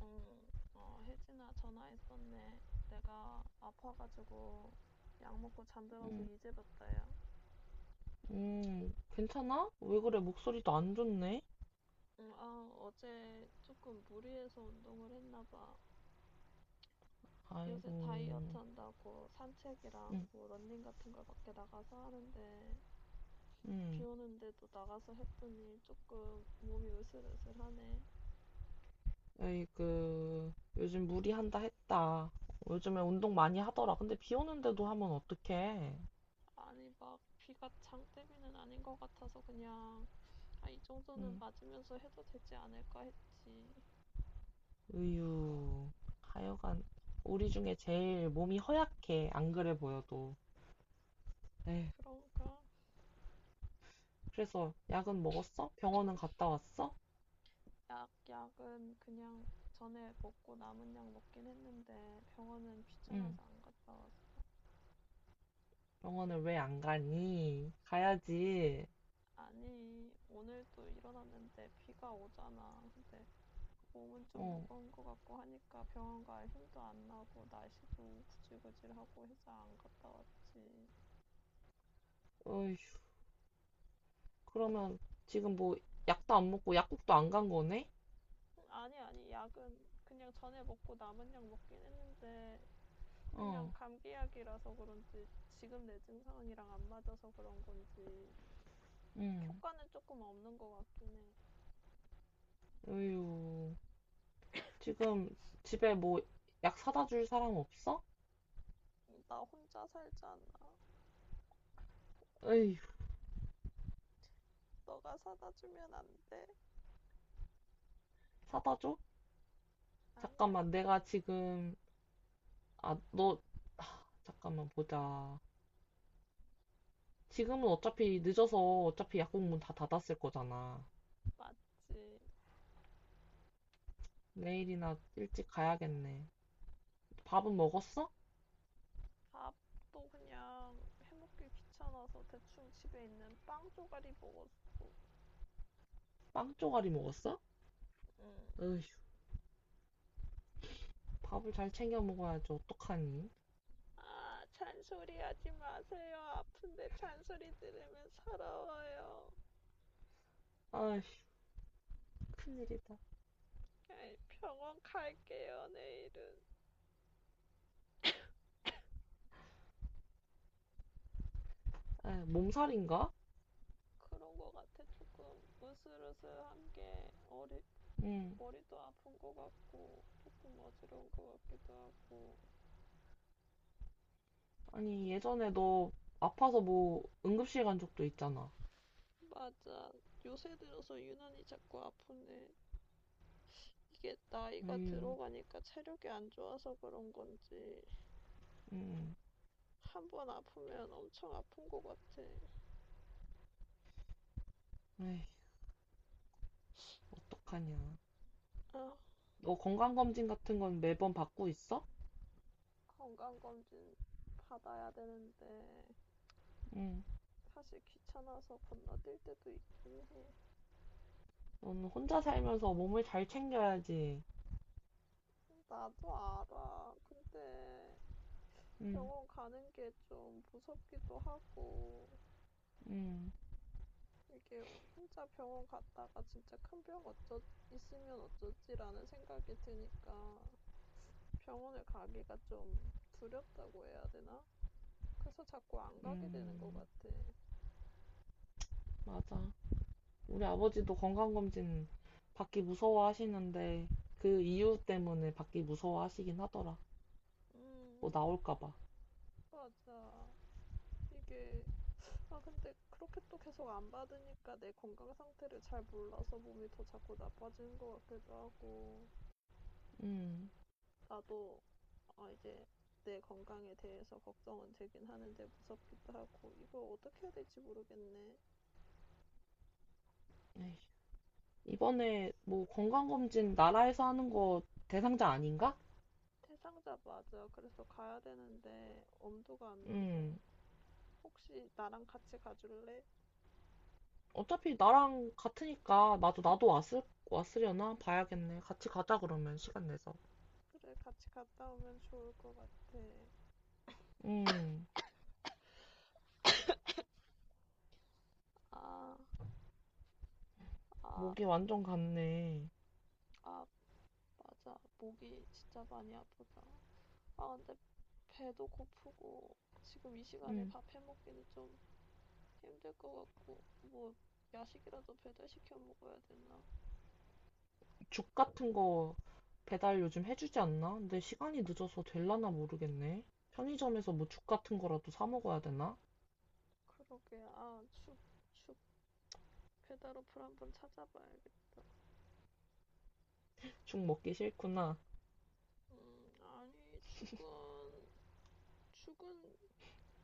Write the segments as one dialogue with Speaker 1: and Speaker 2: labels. Speaker 1: 응, 혜진아, 전화했었네. 내가 아파가지고 약 먹고 잠들어서
Speaker 2: 음,
Speaker 1: 이제 봤다, 야.
Speaker 2: 괜찮아? 왜 그래? 목소리도 안 좋네?
Speaker 1: 응, 아, 어제 조금 무리해서 운동을 했나 봐. 요새
Speaker 2: 아이고,
Speaker 1: 다이어트 한다고 산책이랑
Speaker 2: 음,
Speaker 1: 뭐 러닝 같은 걸 밖에 나가서 하는데 비
Speaker 2: 음,
Speaker 1: 오는데도 나가서 했더니 조금 몸이 으슬으슬하네.
Speaker 2: 에이그, 요즘 무리한다 했다. 요즘에 운동 많이 하더라. 근데 비 오는데도 하면 어떡해?
Speaker 1: 아니, 막 비가 장대비는 아닌 것 같아서 그냥 아, 이 정도는
Speaker 2: 음,
Speaker 1: 맞으면서 해도 되지 않을까 했지.
Speaker 2: 으유, 하여간, 우리 중에 제일 몸이 허약해. 안 그래 보여도. 에휴,
Speaker 1: 그런가?
Speaker 2: 그래서 약은 먹었어? 병원은 갔다 왔어?
Speaker 1: 약은 그냥 전에 먹고 남은 약 먹긴 했는데 병원은
Speaker 2: 응,
Speaker 1: 귀찮아서 안 갔다 왔어.
Speaker 2: 병원을 왜 안 가니? 가야지.
Speaker 1: 아니, 오늘도 일어났는데 비가 오잖아. 근데 몸은 좀
Speaker 2: 어,
Speaker 1: 무거운 것 같고 하니까 병원 갈 힘도 안 나고 날씨도 구질구질하고 해서 안 갔다 왔지.
Speaker 2: 어휴. 그러면 지금 뭐 약도 안 먹고 약국도 안 간 거네?
Speaker 1: 아니, 아니, 약은 그냥 전에 먹고 남은 약 먹긴 했는데 그냥
Speaker 2: 어,
Speaker 1: 감기약이라서 그런지 지금 내 증상이랑 안 맞아서 그런 건지
Speaker 2: 응.
Speaker 1: 효과는 조금 없는 것 같긴 해.
Speaker 2: 어휴, 지금 집에 뭐 약 사다 줄 사람 없어?
Speaker 1: 나 혼자 살잖아.
Speaker 2: 어휴,
Speaker 1: 너가 사다 주면 안 돼?
Speaker 2: 사다 줘?
Speaker 1: 아니야.
Speaker 2: 잠깐만, 내가 지금, 아, 너, 잠깐만 보자. 지금은 어차피 늦어서 어차피 약국 문 다 닫았을 거잖아.
Speaker 1: 맞지.
Speaker 2: 내일이나 일찍 가야겠네. 밥은 먹었어?
Speaker 1: 밥도 그냥 해먹기 귀찮아서 대충 집에 있는 빵 조가리 먹었어.
Speaker 2: 빵 조가리 먹었어?
Speaker 1: 응.
Speaker 2: 어휴, 밥을 잘 챙겨 먹어야지, 어떡하니?
Speaker 1: 아, 잔소리 하지 마세요. 아픈데 잔소리 들으면 서러워요.
Speaker 2: 아휴, 큰일이다.
Speaker 1: 에이, 병원 갈게요, 내일은.
Speaker 2: 아, 몸살인가?
Speaker 1: 그런 거 같아, 조금. 으슬으슬한 게,
Speaker 2: 응.
Speaker 1: 머리도 아픈 거 같고, 조금 어지러운 거 같기도 하고.
Speaker 2: 아니, 예전에 너 아파서 뭐 응급실 간 적도 있잖아.
Speaker 1: 맞아. 요새 들어서 유난히 자꾸 아프네. 이게 나이가
Speaker 2: 에휴,
Speaker 1: 들어가니까 체력이 안 좋아서 그런 건지,
Speaker 2: 응,
Speaker 1: 한번 아프면 엄청 아픈 것 같아.
Speaker 2: 에이, 어떡하냐.
Speaker 1: 아,
Speaker 2: 너 건강검진 같은 건 매번 받고 있어?
Speaker 1: 건강검진 받아야 되는데,
Speaker 2: 응,
Speaker 1: 사실 귀찮아서 건너뛸 때도 있긴 해.
Speaker 2: 너는 혼자 살면서 몸을 잘 챙겨야지.
Speaker 1: 나도 알아. 근데
Speaker 2: 응,
Speaker 1: 병원 가는 게 좀 무섭기도 하고,
Speaker 2: 응,
Speaker 1: 이게 혼자 병원 갔다가 진짜 있으면 어쩌지라는 생각이 드니까 병원을 가기가 좀 두렵다고 해야 되나? 그래서 자꾸 안 가게 되는 것
Speaker 2: 응,
Speaker 1: 같아.
Speaker 2: 맞아. 우리 아버지도 건강검진 받기 무서워하시는데 그 이유 때문에 받기 무서워하시긴 하더라.
Speaker 1: 음,
Speaker 2: 뭐 나올까 봐.
Speaker 1: 맞아. 이게, 아, 근데 그렇게 또 계속 안 받으니까 내 건강 상태를 잘 몰라서 몸이 더 자꾸 나빠지는 것 같기도 하고,
Speaker 2: 응,
Speaker 1: 나도, 아, 이제 내 건강에 대해서 걱정은 되긴 하는데 무섭기도 하고, 이걸 어떻게 해야 될지 모르겠네.
Speaker 2: 에이, 이번에 뭐 건강검진 나라에서 하는 거 대상자 아닌가?
Speaker 1: 대상자 맞아. 그래서 가야 되는데 엄두가 안 나서
Speaker 2: 음.
Speaker 1: 혹시 나랑 같이 가줄래?
Speaker 2: 어차피 나랑 같으니까 나도 왔을 왔으려나 봐야겠네. 같이 가자 그러면 시간 내서.
Speaker 1: 그래, 같이 갔다 오면 좋을 것 같아.
Speaker 2: 음.
Speaker 1: 아, 아,
Speaker 2: 목이 완전 갔네.
Speaker 1: 아, 맞아. 목이 진짜 많이 아프다. 아, 근데 배도 고프고 지금 이 시간에
Speaker 2: 음.
Speaker 1: 밥 해 먹기는 좀 힘들 것 같고 뭐 야식이라도 배달시켜 먹어야 되나?
Speaker 2: 죽 같은 거 배달 요즘 해주지 않나? 근데 시간이 늦어서 될라나 모르겠네. 편의점에서 뭐 죽 같은 거라도 사 먹어야 되나?
Speaker 1: 그러게. 아, 죽 배달 어플 한번 찾아봐야겠다.
Speaker 2: 죽 먹기 싫구나.
Speaker 1: 아니, 죽은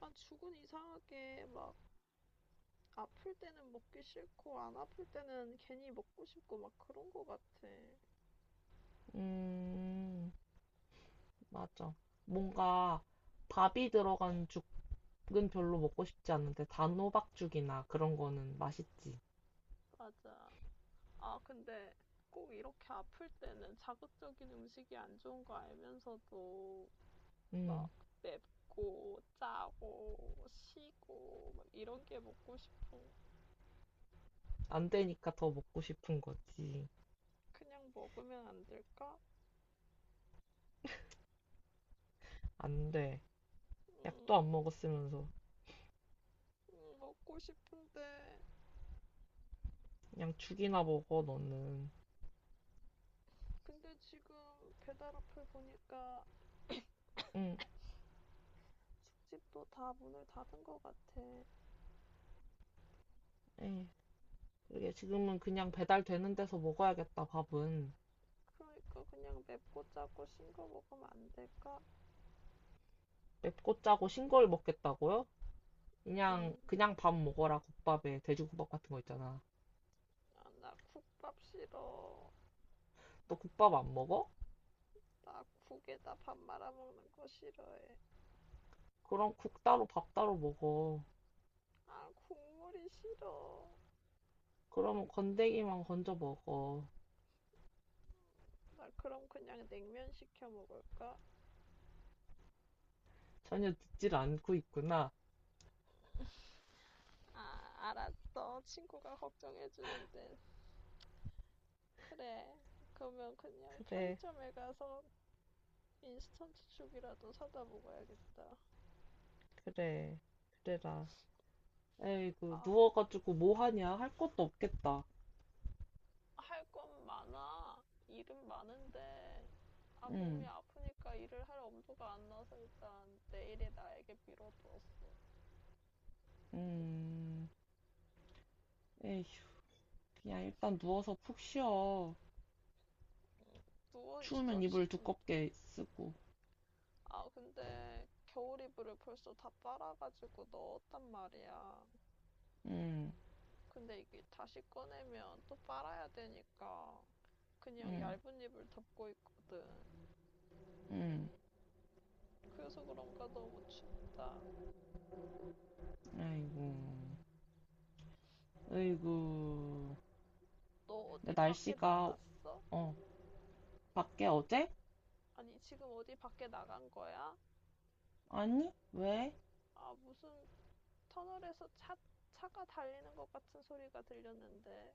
Speaker 1: 죽은 이상하게 막 아플 때는 먹기 싫고 안 아플 때는 괜히 먹고 싶고 막 그런 거 같아.
Speaker 2: 음. 맞아. 뭔가 밥이 들어간 죽은 별로 먹고 싶지 않은데 단호박죽이나 그런 거는 맛있지.
Speaker 1: 맞아. 아 근데 꼭 이렇게 아플 때는 자극적인 음식이 안 좋은 거 알면서도 막
Speaker 2: 음.
Speaker 1: 맵고 짜고 시고 막 이런 게 먹고 싶은
Speaker 2: 안 되니까 더 먹고 싶은 거지.
Speaker 1: 그냥 먹으면 안 될까?
Speaker 2: 안 돼. 약도
Speaker 1: 음,
Speaker 2: 안 먹었으면서.
Speaker 1: 먹고 싶은데
Speaker 2: 그냥 죽이나 먹어, 너는.
Speaker 1: 근데 지금 배달 어플 보니까
Speaker 2: 응,
Speaker 1: 죽집도 다 문을 닫은 것 같아.
Speaker 2: 에이. 그러게 지금은 그냥 배달되는 데서 먹어야겠다, 밥은.
Speaker 1: 그러니까 그냥 맵고 짜고 싱거 먹으면 안 될까?
Speaker 2: 맵고 짜고 싱거울 먹겠다고요?
Speaker 1: 음,
Speaker 2: 그냥, 그냥 밥 먹어라, 국밥에. 돼지국밥 같은 거 있잖아.
Speaker 1: 아, 나 국밥 싫어.
Speaker 2: 너 국밥 안 먹어?
Speaker 1: 나 국에다 밥 말아 먹는 거 싫어해.
Speaker 2: 그럼 국 따로 밥 따로 먹어.
Speaker 1: 아, 국물이 싫어.
Speaker 2: 그러면 건더기만 건져 먹어.
Speaker 1: 나 그럼 그냥 냉면 시켜 먹을까?
Speaker 2: 전혀 듣질 않고 있구나.
Speaker 1: 아, 알았어. 친구가 걱정해주는데. 그래. 그러면 그냥
Speaker 2: 그래,
Speaker 1: 편의점에 가서 인스턴트 죽이라도 사다 먹어야겠다.
Speaker 2: 그래, 그래라. 에이그
Speaker 1: 아,
Speaker 2: 누워가지고 뭐 하냐? 할 것도 없겠다.
Speaker 1: 할 건 많아. 일은 많은데, 아,
Speaker 2: 응,
Speaker 1: 몸이 아프니까 일을 할 엄두가 안 나서 일단 내일에 나에게 미뤄두었어.
Speaker 2: 음, 에이, 그냥 일단 누워서 푹 쉬어.
Speaker 1: 누워 있어,
Speaker 2: 추우면 이불
Speaker 1: 지금.
Speaker 2: 두껍게 쓰고.
Speaker 1: 아, 근데 겨울 이불을 벌써 다 빨아가지고 넣었단 말이야.
Speaker 2: 응,
Speaker 1: 근데 이게 다시 꺼내면 또 빨아야 되니까 그냥
Speaker 2: 응,
Speaker 1: 얇은 이불 덮고 있거든.
Speaker 2: 응,
Speaker 1: 그래서 그런가 너무 춥다.
Speaker 2: 에이구, 에이구.
Speaker 1: 너
Speaker 2: 근데
Speaker 1: 어디 밖에
Speaker 2: 날씨가,
Speaker 1: 나갔어?
Speaker 2: 어, 밖에 어제?
Speaker 1: 아니, 지금 어디 밖에 나간 거야?
Speaker 2: 아니, 왜?
Speaker 1: 아, 무슨 터널에서 차가 달리는 것 같은 소리가 들렸는데,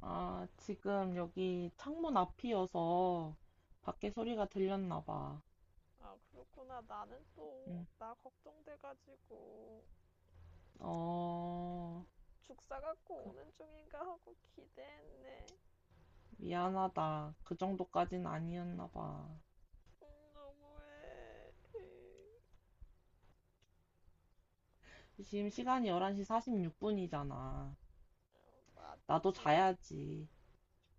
Speaker 2: 아, 지금 여기 창문 앞이어서 밖에 소리가 들렸나 봐.
Speaker 1: 아, 그렇구나. 나는 또,
Speaker 2: 응,
Speaker 1: 나 걱정돼가지고,
Speaker 2: 어,
Speaker 1: 죽사 갖고
Speaker 2: 그-
Speaker 1: 오는 중인가 하고 기대했네.
Speaker 2: 미안하다. 그 정도까진 아니었나 봐.
Speaker 1: 너무해.
Speaker 2: 지금 시간이 11시 46분이잖아. 나도
Speaker 1: 맞지.
Speaker 2: 자야지.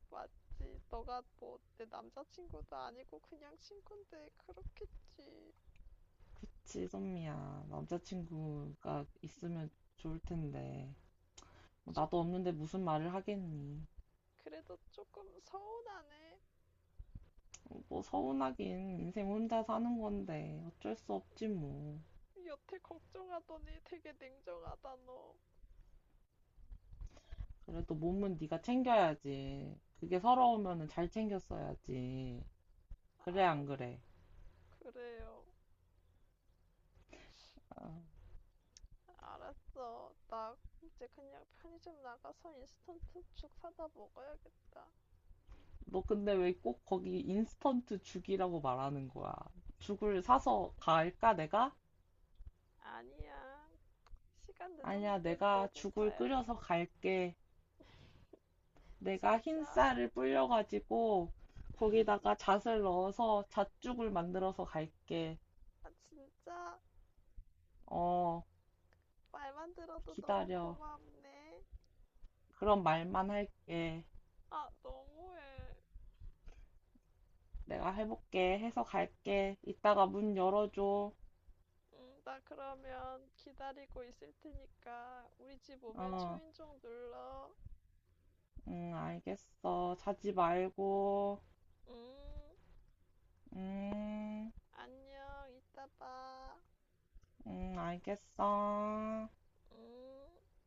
Speaker 1: 맞지. 너가 뭐, 내 남자친구도 아니고 그냥 친구인데, 그렇겠지.
Speaker 2: 그치, 선미야. 남자친구가 있으면 좋을 텐데. 뭐
Speaker 1: 좀,
Speaker 2: 나도 없는데 무슨 말을 하겠니?
Speaker 1: 그래도 조금 서운하네.
Speaker 2: 뭐 서운하긴 인생 혼자 사는 건데 어쩔 수 없지 뭐.
Speaker 1: 여태 걱정하더니 되게 냉정하다, 너.
Speaker 2: 그래도 몸은 네가 챙겨야지. 그게 서러우면은 잘 챙겼어야지. 그래, 안
Speaker 1: 알았어.
Speaker 2: 그래?
Speaker 1: 그래요.
Speaker 2: 아,
Speaker 1: 알았어. 나 이제 그냥 편의점 나가서 인스턴트 죽 사다 먹어야겠다.
Speaker 2: 너 근데 왜 꼭 거기 인스턴트 죽이라고 말하는 거야? 죽을 사서 갈까, 내가?
Speaker 1: 아니야. 시간
Speaker 2: 아니야,
Speaker 1: 늦었는데
Speaker 2: 내가
Speaker 1: 너도
Speaker 2: 죽을 끓여서
Speaker 1: 자야지.
Speaker 2: 갈게. 내가 흰
Speaker 1: 진짜.
Speaker 2: 쌀을 불려가지고 거기다가 잣을 넣어서 잣죽을 만들어서 갈게.
Speaker 1: 아, 진짜.
Speaker 2: 어,
Speaker 1: 말만 들어도 너무
Speaker 2: 기다려.
Speaker 1: 고맙네.
Speaker 2: 그런 말만 할게.
Speaker 1: 아, 너무해.
Speaker 2: 내가 해볼게. 해서 갈게. 이따가 문 열어줘.
Speaker 1: 응, 나 그러면 기다리고 있을 테니까 우리 집 오면
Speaker 2: 어,
Speaker 1: 초인종 눌러.
Speaker 2: 응, 알겠어. 자지 말고.
Speaker 1: 응,
Speaker 2: 음,
Speaker 1: 안녕. 이따 봐.
Speaker 2: 알겠어.
Speaker 1: 응.